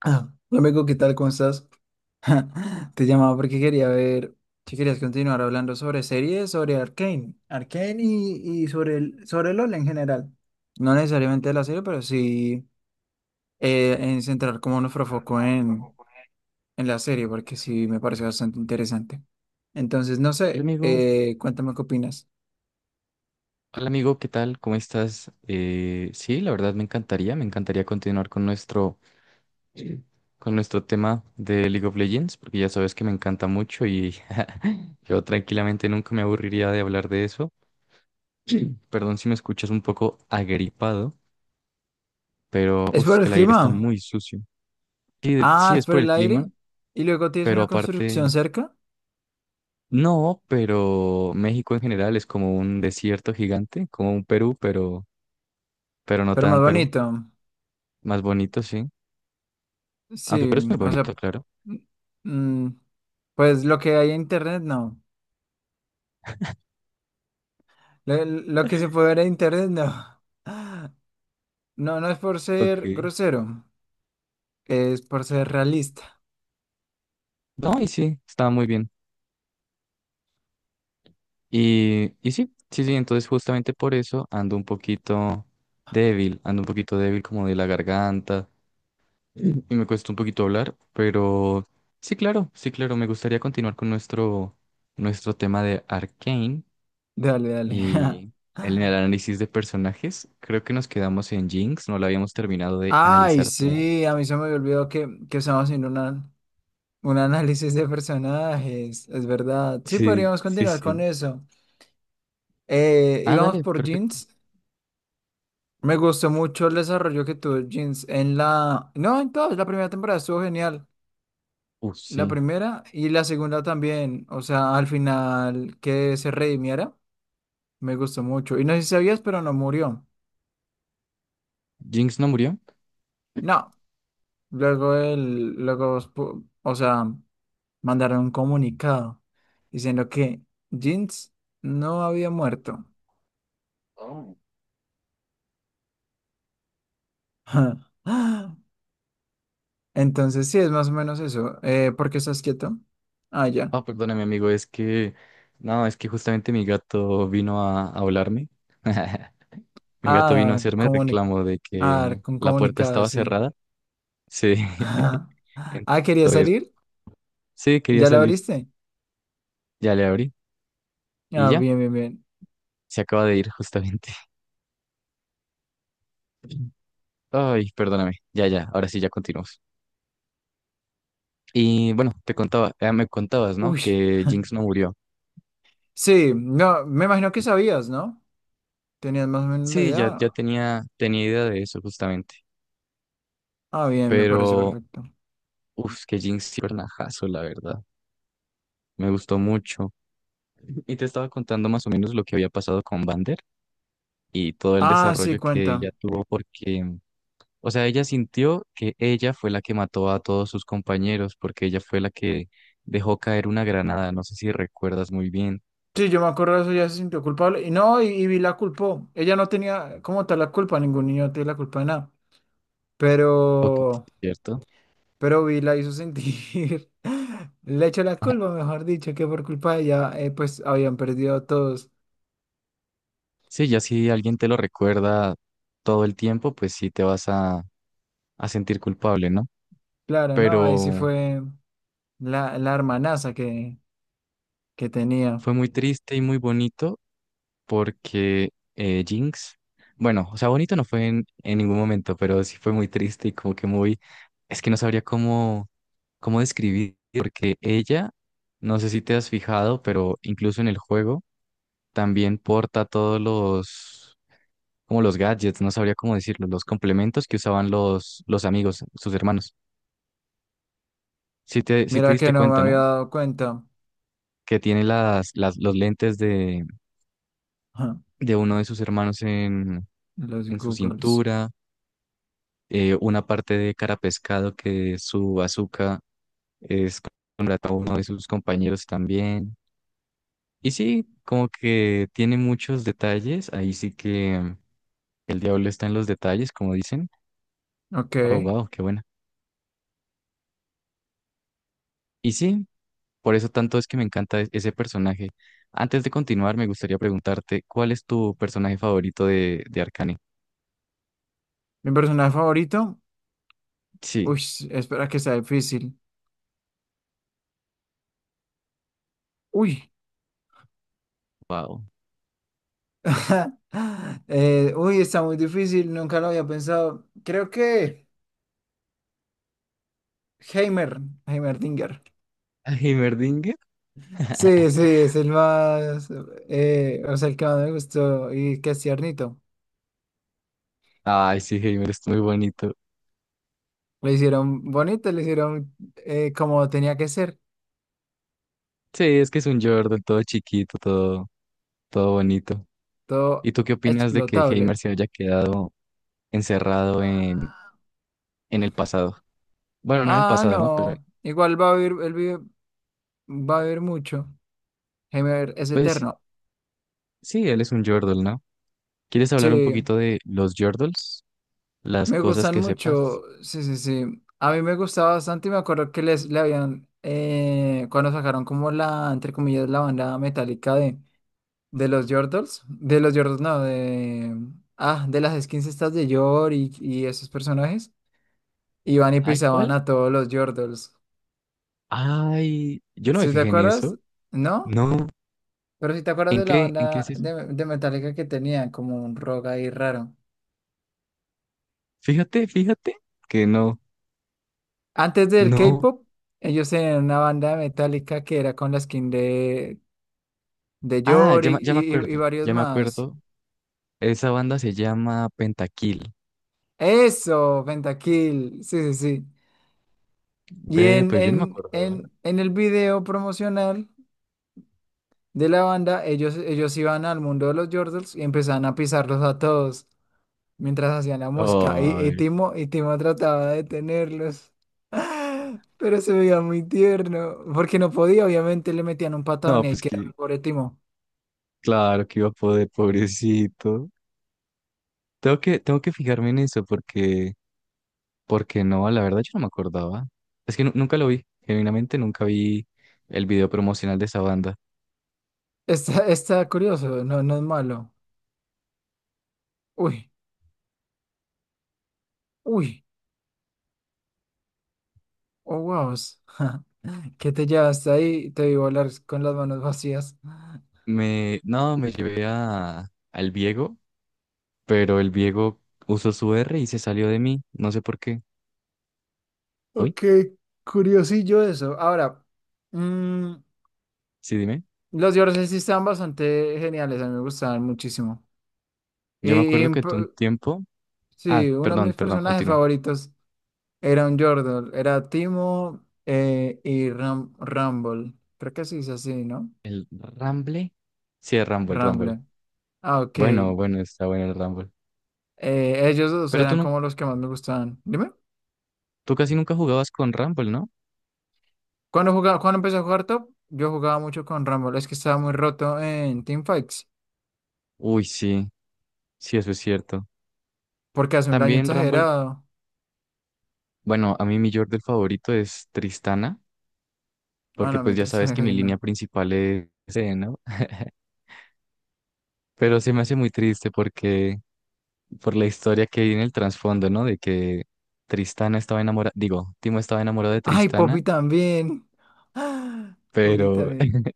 Ah, Rebeco, ¿qué tal? ¿Cómo estás? Te llamaba porque quería ver si querías continuar hablando sobre series, sobre Arcane, Arcane y sobre sobre LOL en general. No necesariamente de la serie, pero sí en centrar como nuestro foco en la serie, porque sí me parece bastante interesante. Entonces, no Hola sé, amigo, cuéntame qué opinas. hola amigo, ¿qué tal? ¿Cómo estás? Sí, la verdad me encantaría continuar con con nuestro tema de League of Legends, porque ya sabes que me encanta mucho y yo tranquilamente nunca me aburriría de hablar de eso. Perdón si me escuchas un poco agripado, pero ¿Es uf, por que el el aire está clima? muy sucio. Sí, sí, Ah, ¿es es por por el el clima, aire? ¿Y luego tienes pero una aparte, construcción cerca? no, pero México en general es como un desierto gigante, como un Perú, pero no Pero más tan Perú, bonito. más bonito, sí. Aunque Sí, pero es muy o bonito, sea, claro. mm, pues lo que hay en internet no. Lo que se puede ver en internet no. No, no es por ser Ok. grosero, es por ser realista. No, y sí, estaba muy bien. Y sí, sí, sí, entonces justamente por eso ando un poquito débil, ando un poquito débil como de la garganta y me cuesta un poquito hablar, pero sí, claro, sí, claro, me gustaría continuar con nuestro tema de Arcane Dale, dale. y el análisis de personajes. Creo que nos quedamos en Jinx, no la habíamos terminado de Ay, analizar todo. sí, a mí se me olvidó que estamos haciendo una- un análisis de personajes, es verdad. Sí, Sí, podríamos sí, continuar con sí. eso. Ah, Íbamos dale, por perfecto. Jeans. Me gustó mucho el desarrollo que tuvo Jeans en la... No, en toda la primera temporada estuvo genial. La Sí. primera y la segunda también, o sea, al final que se redimiera, me gustó mucho. Y no sé si sabías, pero no murió. ¿Jinx no murió? No, luego él luego, spu- o sea, mandaron un comunicado diciendo que Jinx no había muerto. Entonces sí, es más o menos eso. ¿Por qué estás quieto? Ah, ya. Ah, perdóname, amigo, no, es que justamente mi gato vino a hablarme. Mi gato vino a Ah, hacerme reclamo de ah, que con la puerta comunicado, estaba sí. cerrada. Sí. Ah, ¿quería Entonces, salir? sí, quería ¿Ya la salir. abriste? Ya le abrí y Ah, ya, bien, bien, bien. se acaba de ir justamente. Ay, perdóname. Ya, ya, ahora sí, ya continuamos. Y bueno, te contaba, me contabas, ¿no? Uy, Que Jinx no murió. sí, no, me imagino que sabías, ¿no? Tenías más o menos la Sí, ya idea. Tenía idea de eso justamente. Ah, bien, me parece Pero, perfecto. uff, que Jinx sí fue un ajazo, la verdad. Me gustó mucho. Y te estaba contando más o menos lo que había pasado con Vander y todo el Ah, sí, desarrollo que ella cuenta. tuvo porque, o sea, ella sintió que ella fue la que mató a todos sus compañeros porque ella fue la que dejó caer una granada. No sé si recuerdas muy bien. Sí, yo me acuerdo de eso, ya se sintió culpable. Y no, y Vi la culpó. Ella no tenía como tal la culpa, ningún niño tiene la culpa de nada. Ok, Pero, ¿cierto? pero Vi la hizo sentir. Le echó la Ajá. culpa, mejor dicho, que por culpa de ella, pues habían perdido a todos. Sí, ya si alguien te lo recuerda todo el tiempo, pues sí te vas a sentir culpable, ¿no? Claro, no, ahí sí Pero fue la hermanaza que tenía. fue muy triste y muy bonito porque Jinx, bueno, o sea, bonito no fue en ningún momento, pero sí fue muy triste y como que muy, es que no sabría cómo, cómo describir, porque ella, no sé si te has fijado, pero incluso en el juego también porta todos como los gadgets, no sabría cómo decirlo, los complementos que usaban los amigos, sus hermanos. Si te Mira diste que no me cuenta, ¿no? había dado cuenta. Que tiene los lentes de uno de sus hermanos Los en su Googles. cintura una parte de cara pescado que su azúcar es contratado a uno de sus compañeros también. Y sí, como que tiene muchos detalles, ahí sí que el diablo está en los detalles, como dicen. Ok. Oh, wow, qué buena. Y sí, por eso tanto es que me encanta ese personaje. Antes de continuar, me gustaría preguntarte, ¿cuál es tu personaje favorito de Arcane? Mi personaje favorito. Sí, Uy, espera que sea difícil. Uy. wow. Está muy difícil. Nunca lo había pensado. Creo que Heimer. Heimerdinger. ¿A ¿Heimerdinger? Sí, sí, es el más. O sea, el que más me gustó. Y que es tiernito. Ay, sí, Heimer es muy bonito. Lo hicieron bonito, lo hicieron como tenía que ser. Sí, es que es un Jordan todo chiquito, todo, todo bonito. Todo ¿Y tú qué opinas de que Heimer explotable. se haya quedado encerrado en el pasado? Bueno, no en el Ah, pasado, ¿no? Pero no. Igual va a vivir, va a vivir mucho. Heimer es pues sí, eterno. sí, él es un Yordle, ¿no? ¿Quieres hablar un Sí, poquito de los Yordles? Las me cosas gustan que sepas. mucho. Sí, sí, sí. A mí me gustaba bastante y me acuerdo que les le habían, cuando sacaron como la, entre comillas, la banda metálica de los Yordles, no, ah, de las skins estas de Yor y esos personajes, iban y Ay, pisaban ¿cuál? a todos los Yordles. Ay, yo no me ¿Sí te fijé en acuerdas? eso. ¿No? No. Pero si te acuerdas ¿En de la qué? ¿En qué es banda eso? De Metallica que tenía como un rock ahí raro. Fíjate, fíjate que no. Antes del No. K-pop, ellos tenían una banda metálica que era con la skin de Ah, Yor y, ya me y- y acuerdo. varios Ya me más. acuerdo. Esa banda se llama Pentakill. Eso, Pentakill. Sí, sí, sí. Y Ve, en, pero yo no me en, acuerdo, ¿eh? en, en el video promocional de la banda, ellos iban al mundo de los Jordals y empezaban a pisarlos a todos mientras hacían la música. Y, y Ay. Timo, y Timo trataba de detenerlos. Pero se veía muy tierno, porque no podía, obviamente le metían un patadón No, y ahí pues quedaba que el pobre Timo. claro que iba a poder, pobrecito. Tengo que fijarme en eso porque, porque no, la verdad yo no me acordaba. Es que nunca lo vi, genuinamente nunca vi el video promocional de esa banda. Está curioso, no es malo. Uy, uy, oh wow. ¿Qué te llevaste ahí? Te vi volar con las manos vacías. No, me llevé al Viego, pero el Viego usó su R y se salió de mí, no sé por qué. ¿Hoy? Ok, curiosillo eso. Ahora, mm, Sí, dime. los dioses sí estaban bastante geniales, a mí me gustaban muchísimo. Y, Yo me acuerdo y, que p- tú un tiempo... Ah, sí, uno de mis perdón, personajes continúa. favoritos era un Yordle, era Timo y Ram Rumble. Creo que se dice así, ¿no? ¿El Ramble? Sí, el Rumble, el Rumble. Rumble. Ah, Bueno, ok. bueno, está bueno el Rumble. Ellos dos Pero tú, eran no, como los que más me gustaban. Dime, tú casi nunca jugabas con Rumble, ¿no? cuando jugaba, cuando empecé a jugar Top, yo jugaba mucho con Rumble. Es que estaba muy roto en Teamfights, Uy, sí, sí, eso es cierto. porque hace un daño También Rumble, exagerado. bueno, a mí mi Yordle favorito es Tristana, Ah, porque no, pues ya mientras sabes que mi casi línea no. principal es ese, ¿no? Pero se me hace muy triste porque, por la historia que hay en el trasfondo, ¿no? De que Tristana estaba enamorada, digo, Timo estaba enamorado de Ay, Tristana, Poppy también. Ah, Poppy pero, también.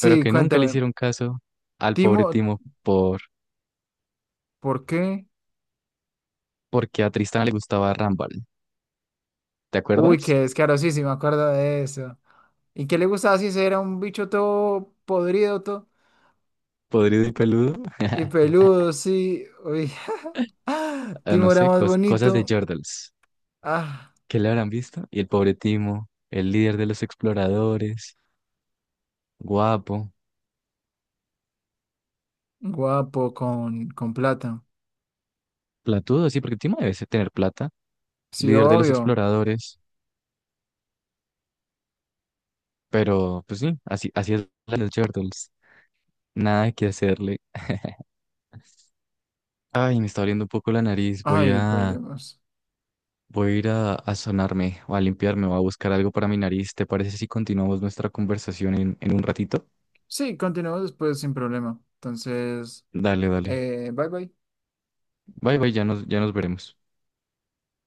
pero que nunca le cuéntame. hicieron caso al Timo, pobre Timo por, ¿por qué? porque a Tristana le gustaba Rumble. ¿Te Uy, qué acuerdas? descaro, sí, sí, me acuerdo de eso. ¿Y qué le gustaba si ese era un bicho todo podrido, todo Podrido y peludo. y peludo, sí? Uy, Ah, no Timo era sé, más cosas de bonito. Yordles. Ah. ¿Qué le habrán visto? Y el pobre Timo, el líder de los exploradores, guapo, Guapo con plata. platudo, sí, porque Timo tener plata, Sí, líder de los obvio. exploradores, pero pues sí, así, así es la de los Turtles, nada que hacerle. Ay, me está doliendo un poco la nariz, Ay, perdemos. voy a ir a sonarme o a limpiarme o a buscar algo para mi nariz. ¿Te parece si continuamos nuestra conversación en un ratito? Sí, continuamos después sin problema. Entonces, Dale, dale. Bye bye. Bye, bye, ya nos veremos.